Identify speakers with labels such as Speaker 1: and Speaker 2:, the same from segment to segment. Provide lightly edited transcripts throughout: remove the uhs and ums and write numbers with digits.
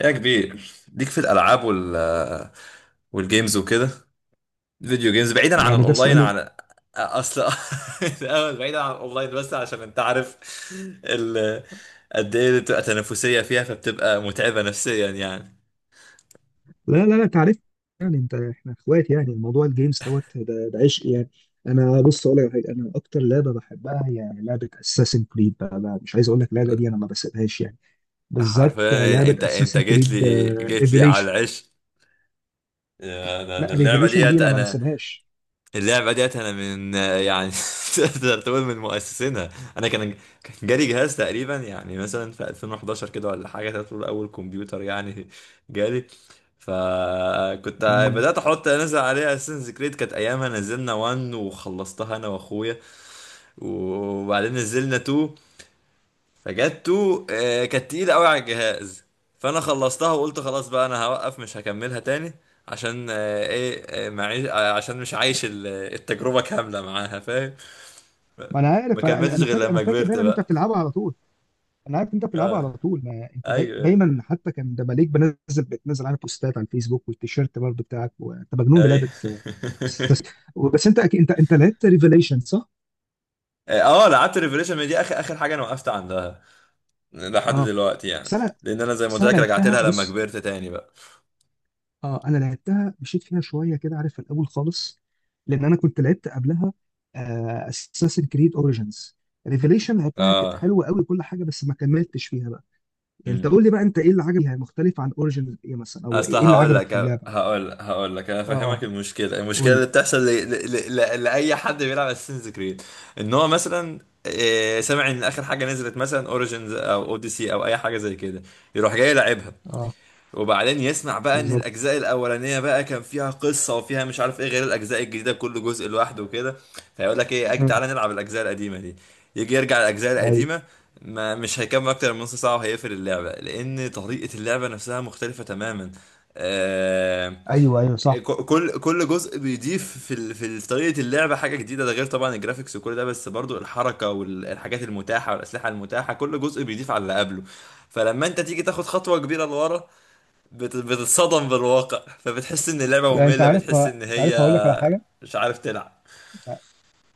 Speaker 1: يا كبير، ليك في الالعاب والجيمز وكده. فيديو جيمز، بعيدا عن
Speaker 2: يعني ده
Speaker 1: الاونلاين،
Speaker 2: سؤال إيه؟
Speaker 1: اصل الاول بعيدا عن الاونلاين، بس عشان انت عارف ال... قد ايه بتبقى تنافسيه فيها فبتبقى متعبه نفسيا، يعني
Speaker 2: لا لا لا تعرف. يعني انت احنا اخوات، يعني الموضوع الجيمز دوت ده عشق يعني. انا بص اقول لك على حاجه، انا اكتر لعبه بحبها هي لعبه اساسن كريد بقى مش عايز اقول لك، اللعبه دي انا ما بسيبهاش يعني. بالذات
Speaker 1: حرفيا.
Speaker 2: لعبه
Speaker 1: انت
Speaker 2: اساسن
Speaker 1: جيت
Speaker 2: كريد
Speaker 1: لي جيت لي على
Speaker 2: ريفيليشن.
Speaker 1: العش. انا
Speaker 2: لا،
Speaker 1: أنا اللعبه
Speaker 2: ريفيليشن دي
Speaker 1: ديت
Speaker 2: انا ما بسيبهاش.
Speaker 1: اللعبة ديت أنا من يعني، تقدر تقول من مؤسسينها. أنا كان كان جالي جهاز تقريبا، يعني مثلا في 2011 كده ولا حاجة، تقدر تقول أول كمبيوتر يعني. جالي فكنت
Speaker 2: مم.
Speaker 1: بدأت أحط أنزل عليها أساسنز كريد، كانت أيامها نزلنا 1 وخلصتها أنا وأخويا. وبعدين نزلنا 2، فجاتو كانت تقيلة قوي على الجهاز، فانا خلصتها وقلت خلاص بقى انا هوقف، مش هكملها تاني. عشان آه، ايه آه، معيش آه، عشان مش عايش التجربة كاملة معاها، فاهم؟
Speaker 2: ما انا
Speaker 1: ما
Speaker 2: عارف، انا
Speaker 1: كملتش
Speaker 2: انا
Speaker 1: غير
Speaker 2: فاكر،
Speaker 1: لما كبرت
Speaker 2: دايما ان انت
Speaker 1: بقى.
Speaker 2: بتلعبها على طول. انا عارف انت بتلعبها
Speaker 1: اه،
Speaker 2: على طول، ما انت داي...
Speaker 1: ايوه،
Speaker 2: دايما حتى كان ده مالك بتنزل على بوستات على الفيسبوك والتيشيرت برضه بتاعك، وانت مجنون بلعبه.
Speaker 1: ايوه.
Speaker 2: بس بس انت أكيد، انت لعبت ريفيليشن صح؟
Speaker 1: اه، لعبت ريفريشن، ما دي اخر اخر حاجة انا وقفت عندها لحد
Speaker 2: اه.
Speaker 1: دلوقتي يعني.
Speaker 2: بس انا
Speaker 1: لان انا زي ما
Speaker 2: بس
Speaker 1: قلت
Speaker 2: انا
Speaker 1: لك، رجعت
Speaker 2: لعبتها
Speaker 1: لها لما
Speaker 2: بص.
Speaker 1: كبرت تاني بقى.
Speaker 2: اه انا لعبتها، مشيت فيها شويه كده عارف، في الاول خالص، لان انا كنت لعبت قبلها اساسن كريد اوريجينز. ريفيليشن لعبتها كانت
Speaker 1: اه.
Speaker 2: حلوه قوي كل حاجه، بس ما كملتش فيها بقى. يعني انت قول لي بقى، انت ايه اللي عجبك فيها مختلف عن اوريجينز ايه مثلا، او
Speaker 1: اصل
Speaker 2: ايه اللي
Speaker 1: هقول
Speaker 2: عجبك في
Speaker 1: لك.
Speaker 2: اللعبه؟
Speaker 1: هقول لك انا فاهمك.
Speaker 2: اه
Speaker 1: المشكله،
Speaker 2: قول لي.
Speaker 1: اللي بتحصل لاي حد بيلعب اساسنز كريد، ان هو مثلا سامع ان اخر حاجه نزلت مثلا اوريجينز او اوديسي او اي حاجه زي كده، يروح جاي يلعبها.
Speaker 2: اه
Speaker 1: وبعدين يسمع بقى ان
Speaker 2: بالظبط.
Speaker 1: الاجزاء الاولانيه بقى كان فيها قصه وفيها مش عارف ايه غير الاجزاء الجديده، كل جزء لوحده وكده. فيقول لك ايه، اجي
Speaker 2: مم.
Speaker 1: تعالى نلعب الاجزاء القديمه دي. يجي يرجع الاجزاء
Speaker 2: ايوه،
Speaker 1: القديمه، ما مش هيكمل اكتر من نص ساعه وهيقفل اللعبه، لان طريقه اللعبه نفسها مختلفه تماما. آه
Speaker 2: ايوه، ايوه صح.
Speaker 1: كل جزء بيضيف في طريقه اللعبه حاجه جديده. ده غير طبعا الجرافيكس وكل ده، بس برضو الحركه والحاجات المتاحه والاسلحه المتاحه، كل جزء بيضيف على اللي قبله. فلما انت تيجي تاخد خطوه كبيره لورا، بتتصدم بالواقع، فبتحس ان اللعبة
Speaker 2: لا انت
Speaker 1: مملة،
Speaker 2: عارف،
Speaker 1: بتحس ان
Speaker 2: انت عارف هقول لك
Speaker 1: هي
Speaker 2: على حاجه.
Speaker 1: مش عارف تلعب.
Speaker 2: انت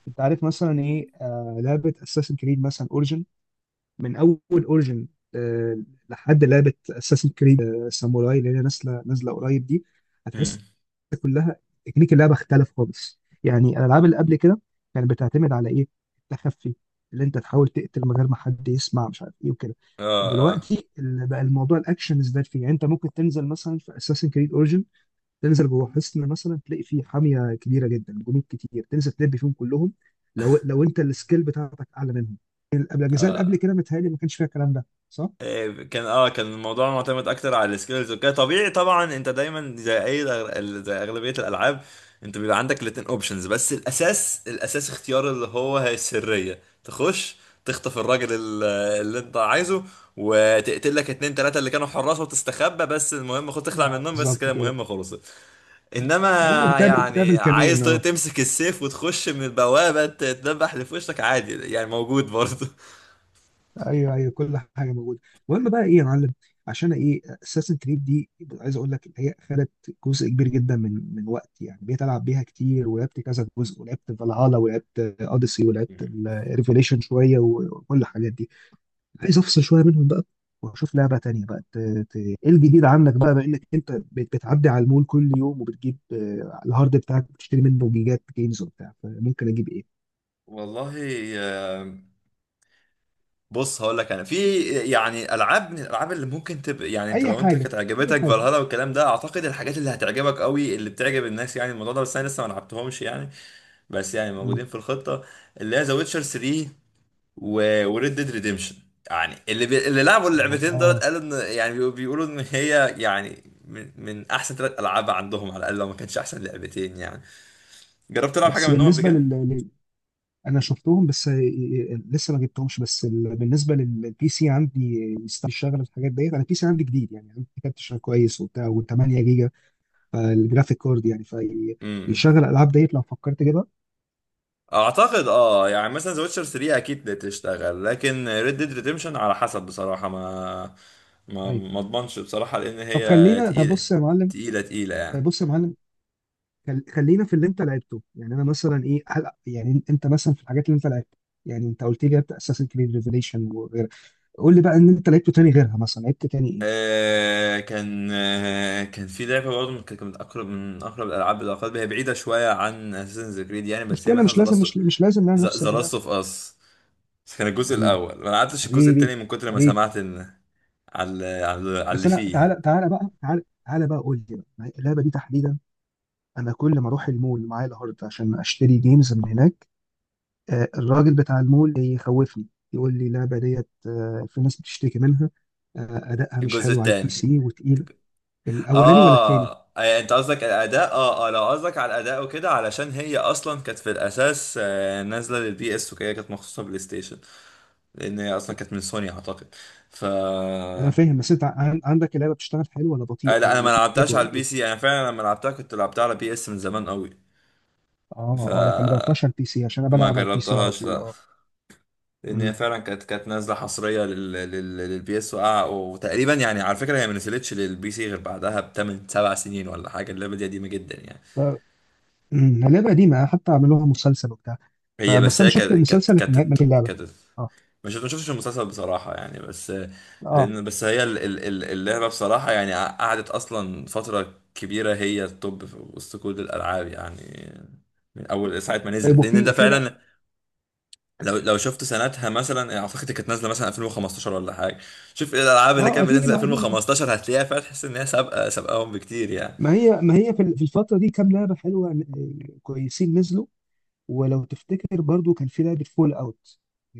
Speaker 2: أنت عارف مثلا ايه، آه، لعبه اساسن كريد مثلا اوريجن، من اول اوريجن لحد لعبه اساسن كريد ساموراي اللي هي نازله نازله قريب دي،
Speaker 1: مم.
Speaker 2: هتحس كلها تكنيك اللعبه اختلف خالص. يعني الالعاب اللي قبل كده كانت بتعتمد على ايه؟ التخفي، اللي انت تحاول تقتل من غير ما حد يسمع، مش عارف ايه وكده.
Speaker 1: اه اه.
Speaker 2: دلوقتي اللي بقى الموضوع الاكشن ازداد فيه. يعني انت ممكن تنزل مثلا في اساسن كريد اوريجن، تنزل جوه حصن مثلا تلاقي فيه حاميه كبيره جدا، جنود كتير، تنزل تلب فيهم كلهم، لو انت السكيل بتاعتك اعلى منهم. قبل الاجزاء اللي قبل كده متهيألي ما كانش فيها الكلام ده، صح؟
Speaker 1: كان الموضوع معتمد اكتر على السكيلز وكده، طبيعي طبعا، انت دايما زي اي زي اغلبيه الالعاب، انت بيبقى عندك الاتنين اوبشنز. بس الاساس، اختيار اللي هي السريه. تخش تخطف الراجل اللي انت عايزه، وتقتل لك اتنين تلاته اللي كانوا حراس، وتستخبى. بس المهم خد تخلع
Speaker 2: اه
Speaker 1: منهم، بس
Speaker 2: بالظبط
Speaker 1: كده
Speaker 2: كده.
Speaker 1: المهمه خلصت. انما
Speaker 2: ايوه تعمل
Speaker 1: يعني
Speaker 2: تعمل
Speaker 1: عايز
Speaker 2: كمين اه.
Speaker 1: تمسك السيف وتخش من البوابة، تدبح اللي في وشك عادي، يعني موجود برضه.
Speaker 2: ايوه، ايوه، كل حاجه موجوده. المهم بقى ايه يا معلم، عشان ايه اساسن كريد دي؟ عايز اقول لك إن هي خدت جزء كبير جدا من وقتي. يعني بقيت العب بيها كتير، ولعبت كذا جزء، ولعبت فالهالا، ولعبت اوديسي، ولعبت ريفيليشن شويه، وكل الحاجات دي. عايز افصل شويه منهم بقى، واشوف لعبه تانية بقى، ايه الجديد عندك بقى بما انك انت بتعدي على المول كل يوم، وبتجيب آه، الهارد بتاعك بتشتري منه جيجات جيمز وبتاع، فممكن اجيب ايه؟
Speaker 1: والله، آه، بص هقول لك. انا في يعني العاب، من الالعاب اللي ممكن تبقى، يعني انت
Speaker 2: اي
Speaker 1: لو انت
Speaker 2: حاجه،
Speaker 1: كانت
Speaker 2: اي
Speaker 1: عجبتك
Speaker 2: حاجه.
Speaker 1: فالهالا والكلام ده، اعتقد الحاجات اللي هتعجبك قوي اللي بتعجب الناس يعني الموضوع ده، بس انا لسه ما لعبتهمش يعني. بس يعني
Speaker 2: مم.
Speaker 1: موجودين في الخطة، اللي هي ذا ويتشر 3 وريد ديد ريديمشن. يعني اللي لعبوا
Speaker 2: اه
Speaker 1: اللعبتين دولت
Speaker 2: آه.
Speaker 1: قالوا ان يعني بيقولوا ان هي يعني من احسن ثلاث العاب عندهم على الاقل، لو ما كانش احسن لعبتين يعني. جربت تلعب حاجه
Speaker 2: بس
Speaker 1: منهم قبل
Speaker 2: بالنسبه
Speaker 1: كده؟
Speaker 2: انا شفتهم بس آه، آه، لسه ما جبتهمش. بس بالنسبه للبي سي عندي، آه، يستاهل يشتغل الحاجات ديت. انا البي سي عندي جديد يعني، عندي كارت شغال كويس وبتاع، و8 جيجا فالجرافيك كارد يعني.
Speaker 1: امم
Speaker 2: فيشغل الالعاب ديت لو فكرت اجيبها.
Speaker 1: اعتقد اه، يعني مثلا ذا ويتشر 3 اكيد تشتغل، لكن ريد ديد ريديمشن على حسب بصراحه. ما ما
Speaker 2: طيب.
Speaker 1: ما اضمنش بصراحه، لان
Speaker 2: طب
Speaker 1: هي
Speaker 2: خلينا، طب
Speaker 1: تقيله،
Speaker 2: بص يا معلم،
Speaker 1: تقيله تقيله
Speaker 2: طيب
Speaker 1: يعني.
Speaker 2: بص يا معلم، خلينا في اللي انت لعبته. يعني انا مثلا ايه، هل يعني انت مثلا في الحاجات اللي انت لعبتها، يعني انت قلت لي لعبت اساسن كريد ريفيليشن وغيرها، قول لي بقى ان انت لعبته تاني غيرها، مثلا لعبت تاني ايه؟
Speaker 1: كان في لعبة برضه كانت من أقرب الألعاب إلى قلبي، هي بعيدة شوية عن أساسنز كريد يعني،
Speaker 2: مش
Speaker 1: بس هي
Speaker 2: كده،
Speaker 1: مثلا
Speaker 2: مش لازم، مش لازم نعمل نفس
Speaker 1: ذا
Speaker 2: اللي ده.
Speaker 1: لاست أوف أس. بس كان الجزء
Speaker 2: حبيبي،
Speaker 1: الأول، ما لعبتش الجزء
Speaker 2: حبيبي،
Speaker 1: التاني من كتر ما
Speaker 2: حبيبي،
Speaker 1: سمعت إن على
Speaker 2: بس
Speaker 1: اللي
Speaker 2: انا،
Speaker 1: فيه يعني.
Speaker 2: تعالى تعالى بقى، تعالى تعالى بقى قول لي بقى، اللعبه دي تحديدا انا كل ما اروح المول معايا الهارد عشان اشتري جيمز من هناك، آه، الراجل بتاع المول يخوفني، يقول لي اللعبة ديت آه، في ناس بتشتكي منها، آه، أدائها مش
Speaker 1: الجزء
Speaker 2: حلو على البي
Speaker 1: التاني.
Speaker 2: سي وتقيلة. الأولاني ولا التاني؟
Speaker 1: أنت قصدك الأداء؟ آه آه، لو قصدك على الأداء وكده، علشان هي أصلا كانت في الأساس نازلة للبي إس وكده، كانت مخصوصة بلاي ستيشن، لأن هي أصلا كانت من سوني أعتقد. ف
Speaker 2: أنا فاهم، بس أنت عندك اللعبة بتشتغل حلو ولا بطيئة،
Speaker 1: لا، انا ما
Speaker 2: ولا فيك
Speaker 1: لعبتهاش على
Speaker 2: ولا
Speaker 1: البي
Speaker 2: إيه؟
Speaker 1: سي. انا فعلا لما لعبتها كنت لعبتها على بي اس من زمان قوي. ف
Speaker 2: آه آه، لكن ما جربتهاش على البي سي عشان أنا
Speaker 1: ما
Speaker 2: بلعب على البي سي على
Speaker 1: جربتهاش
Speaker 2: طول،
Speaker 1: لا.
Speaker 2: آه.
Speaker 1: لان هي
Speaker 2: مم.
Speaker 1: فعلا كانت نازله حصريه للبي اس وقع. وتقريبا يعني، على فكره، هي ما نزلتش للبي سي غير بعدها بتمن سبع سنين ولا حاجه، اللعبه دي قديمه جدا يعني.
Speaker 2: ف- مم، لعبة قديمة، حتى عملوها مسلسل وبتاع،
Speaker 1: هي
Speaker 2: فبس
Speaker 1: بس
Speaker 2: أنا
Speaker 1: هي
Speaker 2: شفت
Speaker 1: كانت كانت
Speaker 2: المسلسل لكن ما،
Speaker 1: كانت
Speaker 2: في اللعبة
Speaker 1: كانت
Speaker 2: آه
Speaker 1: مش، ما شفتش المسلسل بصراحة يعني. بس
Speaker 2: آه.
Speaker 1: لأن بس هي اللعبة بصراحة يعني قعدت أصلا فترة كبيرة هي التوب في وسط كل الألعاب يعني، من أول ساعة ما
Speaker 2: طيب،
Speaker 1: نزلت. لأن أنت
Speaker 2: وفي
Speaker 1: فعلا
Speaker 2: لعبة،
Speaker 1: لو شفت سنتها، مثلا أعتقد كانت نازلة مثلا 2015 ولا حاجة. شوف إيه الألعاب اللي
Speaker 2: آه،
Speaker 1: كانت بتنزل
Speaker 2: قديمة، قديمة، آه.
Speaker 1: 2015، هتلاقيها فعلا تحس إن هي سابقة سابقاهم بكتير يعني.
Speaker 2: ما هي، في الفترة دي كام لعبة حلوة، آه، كويسين نزلوا. ولو تفتكر برضو كان في لعبة فول اوت،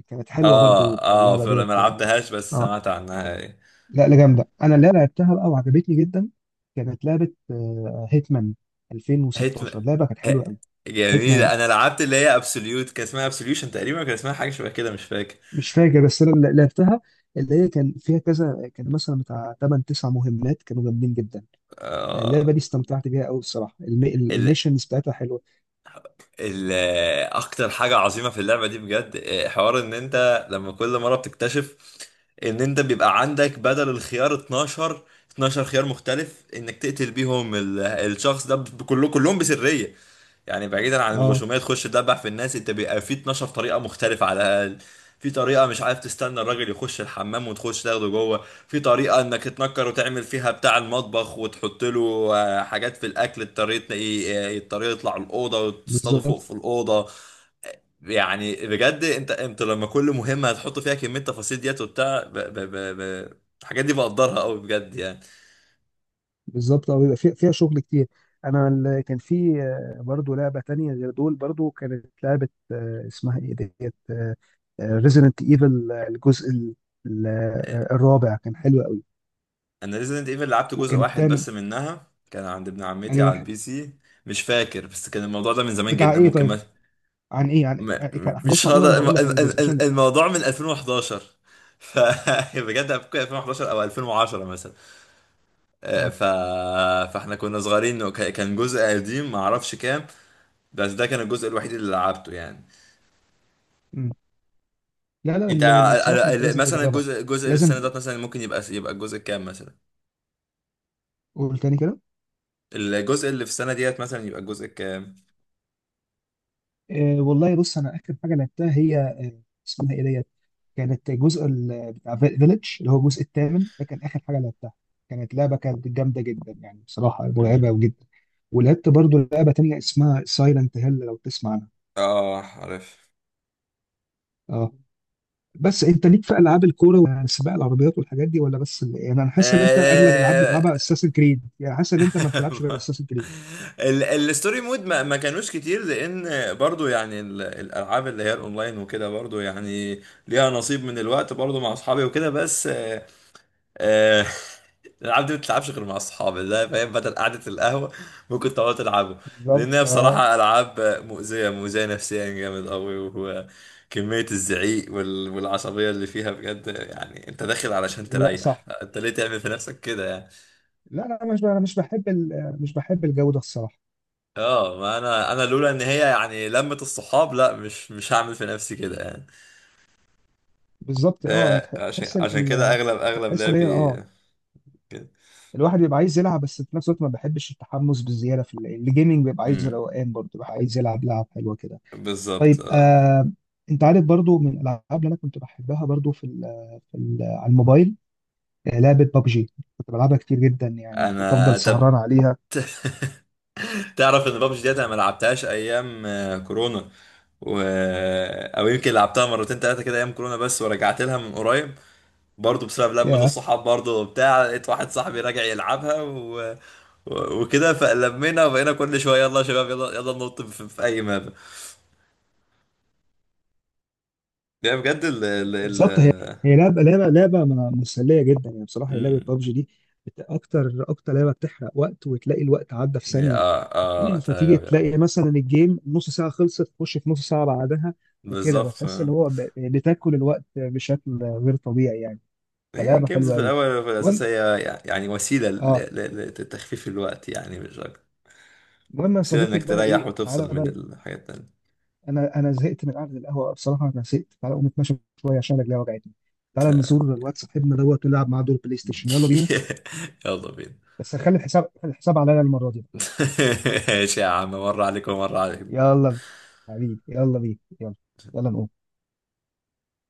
Speaker 2: كانت حلوة
Speaker 1: آه
Speaker 2: برضو
Speaker 1: آه،
Speaker 2: اللعبة
Speaker 1: فما
Speaker 2: ديت يعني.
Speaker 1: لعبتهاش بس
Speaker 2: اه.
Speaker 1: سمعت عنها يعني.
Speaker 2: لا لا، جامدة، انا اللي لعبتها بقى وعجبتني جدا. كانت لعبة هيتمان
Speaker 1: هيتمان.
Speaker 2: 2016، لعبة كانت
Speaker 1: ه-
Speaker 2: حلوة قوي. هيتمان
Speaker 1: جميلة. انا لعبت اللي هي ابسوليوت، كان اسمها ابسوليوشن تقريبا، كان اسمها حاجة شبه كده، مش فاكر.
Speaker 2: مش فاكر، بس انا اللي لعبتها اللي هي كان فيها كذا، كان مثلا بتاع 8 9 مهمات كانوا جامدين جدا. آه، اللعبة
Speaker 1: آه...
Speaker 2: دي استمتعت بيها قوي الصراحة،
Speaker 1: ال...
Speaker 2: الميشنز بتاعتها حلوة.
Speaker 1: ال... اكتر حاجة عظيمة في اللعبة دي بجد حوار ان انت لما كل مرة بتكتشف ان انت بيبقى عندك بدل الخيار 12 خيار مختلف انك تقتل بيهم الشخص ده، كلهم بسرية. يعني بعيدا عن
Speaker 2: اه
Speaker 1: الغشوميه تخش تدبح في الناس، انت بيبقى في 12 طريقه مختلفه على الاقل. في طريقه مش عارف، تستنى الراجل يخش الحمام وتخش تاخده جوه. في طريقه انك تنكر وتعمل فيها بتاع المطبخ وتحط له حاجات في الاكل. الطريقه يطلع الاوضه وتصطاده فوق في
Speaker 2: بالظبط.
Speaker 1: الاوضه. يعني بجد انت لما كل مهمه هتحط فيها كميه تفاصيل ديت وبتاع ب... الحاجات دي بقدرها قوي بجد يعني.
Speaker 2: بالظبط اه، بيبقى فيها شغل كتير. انا كان في آه، برضو لعبه تانية غير دول، برضو كانت لعبه آه، اسمها ايه ديت، ريزيدنت ايفل الجزء آه، الرابع كان حلو قوي.
Speaker 1: انا ريزيدنت ايفل لعبت جزء
Speaker 2: وكان
Speaker 1: واحد
Speaker 2: الثامن.
Speaker 1: بس منها، كان عند ابن عمتي
Speaker 2: انهي
Speaker 1: على
Speaker 2: واحد؟
Speaker 1: البي سي، مش فاكر. بس كان الموضوع ده من زمان
Speaker 2: بتاع
Speaker 1: جدا،
Speaker 2: ايه
Speaker 1: ممكن
Speaker 2: طيب، عن ايه، عن
Speaker 1: ما-
Speaker 2: آه، إيه كان
Speaker 1: مش
Speaker 2: احداثه عن ايه، وانا
Speaker 1: هقدر
Speaker 2: هقول لك عن الجزء عشان.
Speaker 1: الموضوع من 2011. ف بجد ممكن 2011 او 2010 مثلا. آه،
Speaker 2: اه.
Speaker 1: ف فاحنا كنا صغيرين، كان جزء قديم ما اعرفش كام، بس ده كان الجزء الوحيد اللي لعبته يعني.
Speaker 2: مم. لا لا
Speaker 1: انت
Speaker 2: لا لا، بصراحه انت لازم
Speaker 1: مثلا
Speaker 2: تجربها.
Speaker 1: الجزء اللي في السنه
Speaker 2: لازم.
Speaker 1: ديت مثلا ممكن يبقى الجزء كام مثلا؟
Speaker 2: قول تاني كده.
Speaker 1: الجزء اللي في السنه ديت مثلا يبقى الجزء كام؟
Speaker 2: آه، والله بص انا اخر حاجه لعبتها هي آه، اسمها ايه ديت، كانت الجزء بتاع فيليج اللي هو الجزء الثامن، ده كان اخر حاجه لعبتها. كانت لعبه كانت جامده جدا يعني، بصراحه مرعبه جدا. ولعبت برضو لعبه تانية اسمها سايلنت هيل، لو تسمع عنها.
Speaker 1: اه عارف.
Speaker 2: اه. بس انت ليك في العاب الكوره وسباق العربيات والحاجات دي، ولا بس يعني انا حاسس ان انت اغلب الالعاب
Speaker 1: آه،
Speaker 2: بتلعبها اساسن كريد، يعني حاسس ان انت ما بتلعبش غير اساسن كريد.
Speaker 1: الستوري مود ما كانوش كتير، لان برضو يعني الالعاب اللي هي الاونلاين وكده برضو يعني ليها نصيب من الوقت برضو مع اصحابي وكده. بس آه، الألعاب دي ما بتلعبش غير مع أصحاب، لا فاهم، بدل قعدة القهوة ممكن تقعدوا تلعبوا.
Speaker 2: بالظبط
Speaker 1: لأن هي
Speaker 2: اه.
Speaker 1: بصراحة ألعاب مؤذية، مؤذية نفسيا جامد أوي، وكمية الزعيق والعصبية اللي فيها بجد. يعني أنت داخل علشان
Speaker 2: لا
Speaker 1: تريح،
Speaker 2: صح،
Speaker 1: أنت ليه تعمل في نفسك كده يعني؟
Speaker 2: لا لا انا مش ب- انا مش بحب مش بحب الجو ده الصراحه.
Speaker 1: اه. ما أنا لولا إن هي يعني لمة الصحاب، لا، مش هعمل في نفسي كده يعني.
Speaker 2: بالظبط اه،
Speaker 1: فهي عشان
Speaker 2: هتحس
Speaker 1: كده أغلب
Speaker 2: هتحس ان هي،
Speaker 1: لعبي
Speaker 2: اه،
Speaker 1: كده.
Speaker 2: الواحد بيبقى عايز يلعب، بس في نفس الوقت ما بحبش التحمس بالزياده في الجيمنج. بيبقى عايز
Speaker 1: امم
Speaker 2: روقان برضه، بيبقى عايز يلعب لعب حلوه كده.
Speaker 1: بالظبط
Speaker 2: طيب
Speaker 1: اه.
Speaker 2: آه. انت عارف برضه من الالعاب اللي انا كنت بحبها برضه في ال، على الموبايل، آه، لعبه بابجي. كنت بلعبها كتير جدا يعني، كنت
Speaker 1: انا
Speaker 2: افضل سهران
Speaker 1: طب
Speaker 2: عليها.
Speaker 1: تعرف ان بابجي ديت انا ما لعبتهاش ايام كورونا و... آه، او يمكن لعبتها مرتين ثلاثه كده ايام كورونا. بس ورجعت لها من قريب، برضه بسبب لمة
Speaker 2: يا،
Speaker 1: الصحاب برضه وبتاع. لقيت واحد صاحبي راجع يلعبها وكده فلمينا وبقينا كل شويه، يلا يا شباب، يلا يلا ننط في اي ماب. يعني بجد ال ال ال
Speaker 2: بالظبط هي، هي لعبه، مسليه جدا يعني، بصراحه هي لعبه
Speaker 1: مم.
Speaker 2: بابجي دي، اكتر، اكتر لعبه بتحرق وقت، وتلاقي الوقت عدى في
Speaker 1: هي
Speaker 2: ثانيه.
Speaker 1: اه اه
Speaker 2: فتيجي
Speaker 1: تمام آه.
Speaker 2: تلاقي مثلا الجيم نص ساعة خلصت، تخش في نص ساعة بعدها. وكده
Speaker 1: بالظبط
Speaker 2: بتحس ان
Speaker 1: آه.
Speaker 2: هو بتاكل الوقت بشكل غير طبيعي يعني.
Speaker 1: هي
Speaker 2: فلعبة
Speaker 1: الجيمز
Speaker 2: حلوة
Speaker 1: في
Speaker 2: قوي.
Speaker 1: الاول وفي الاساس
Speaker 2: المهم،
Speaker 1: هي يعني وسيله
Speaker 2: اه،
Speaker 1: لتخفيف الوقت يعني، مش اكتر،
Speaker 2: المهم يا
Speaker 1: وسيلة
Speaker 2: صديقي
Speaker 1: انك
Speaker 2: بقى
Speaker 1: تريح
Speaker 2: ايه، تعالى
Speaker 1: وتفصل
Speaker 2: بقى
Speaker 1: من
Speaker 2: إيه،
Speaker 1: الحاجات
Speaker 2: انا زهقت من قعدة القهوة بصراحة، انا زهقت. تعالى اقوم اتمشى شوية عشان رجلي وجعتني. تعالى
Speaker 1: التانية.
Speaker 2: نزور الواد صاحبنا دوت، ونلعب معاه دور بلاي ستيشن، يلا بينا.
Speaker 1: يلا بينا.
Speaker 2: بس هخلي الحساب، خلي الحساب عليا المرة دي.
Speaker 1: ماشي يا عم، مرة عليك ومرة عليك.
Speaker 2: يلا بينا. حبيبي يلا بينا، يلا، يلا نقوم.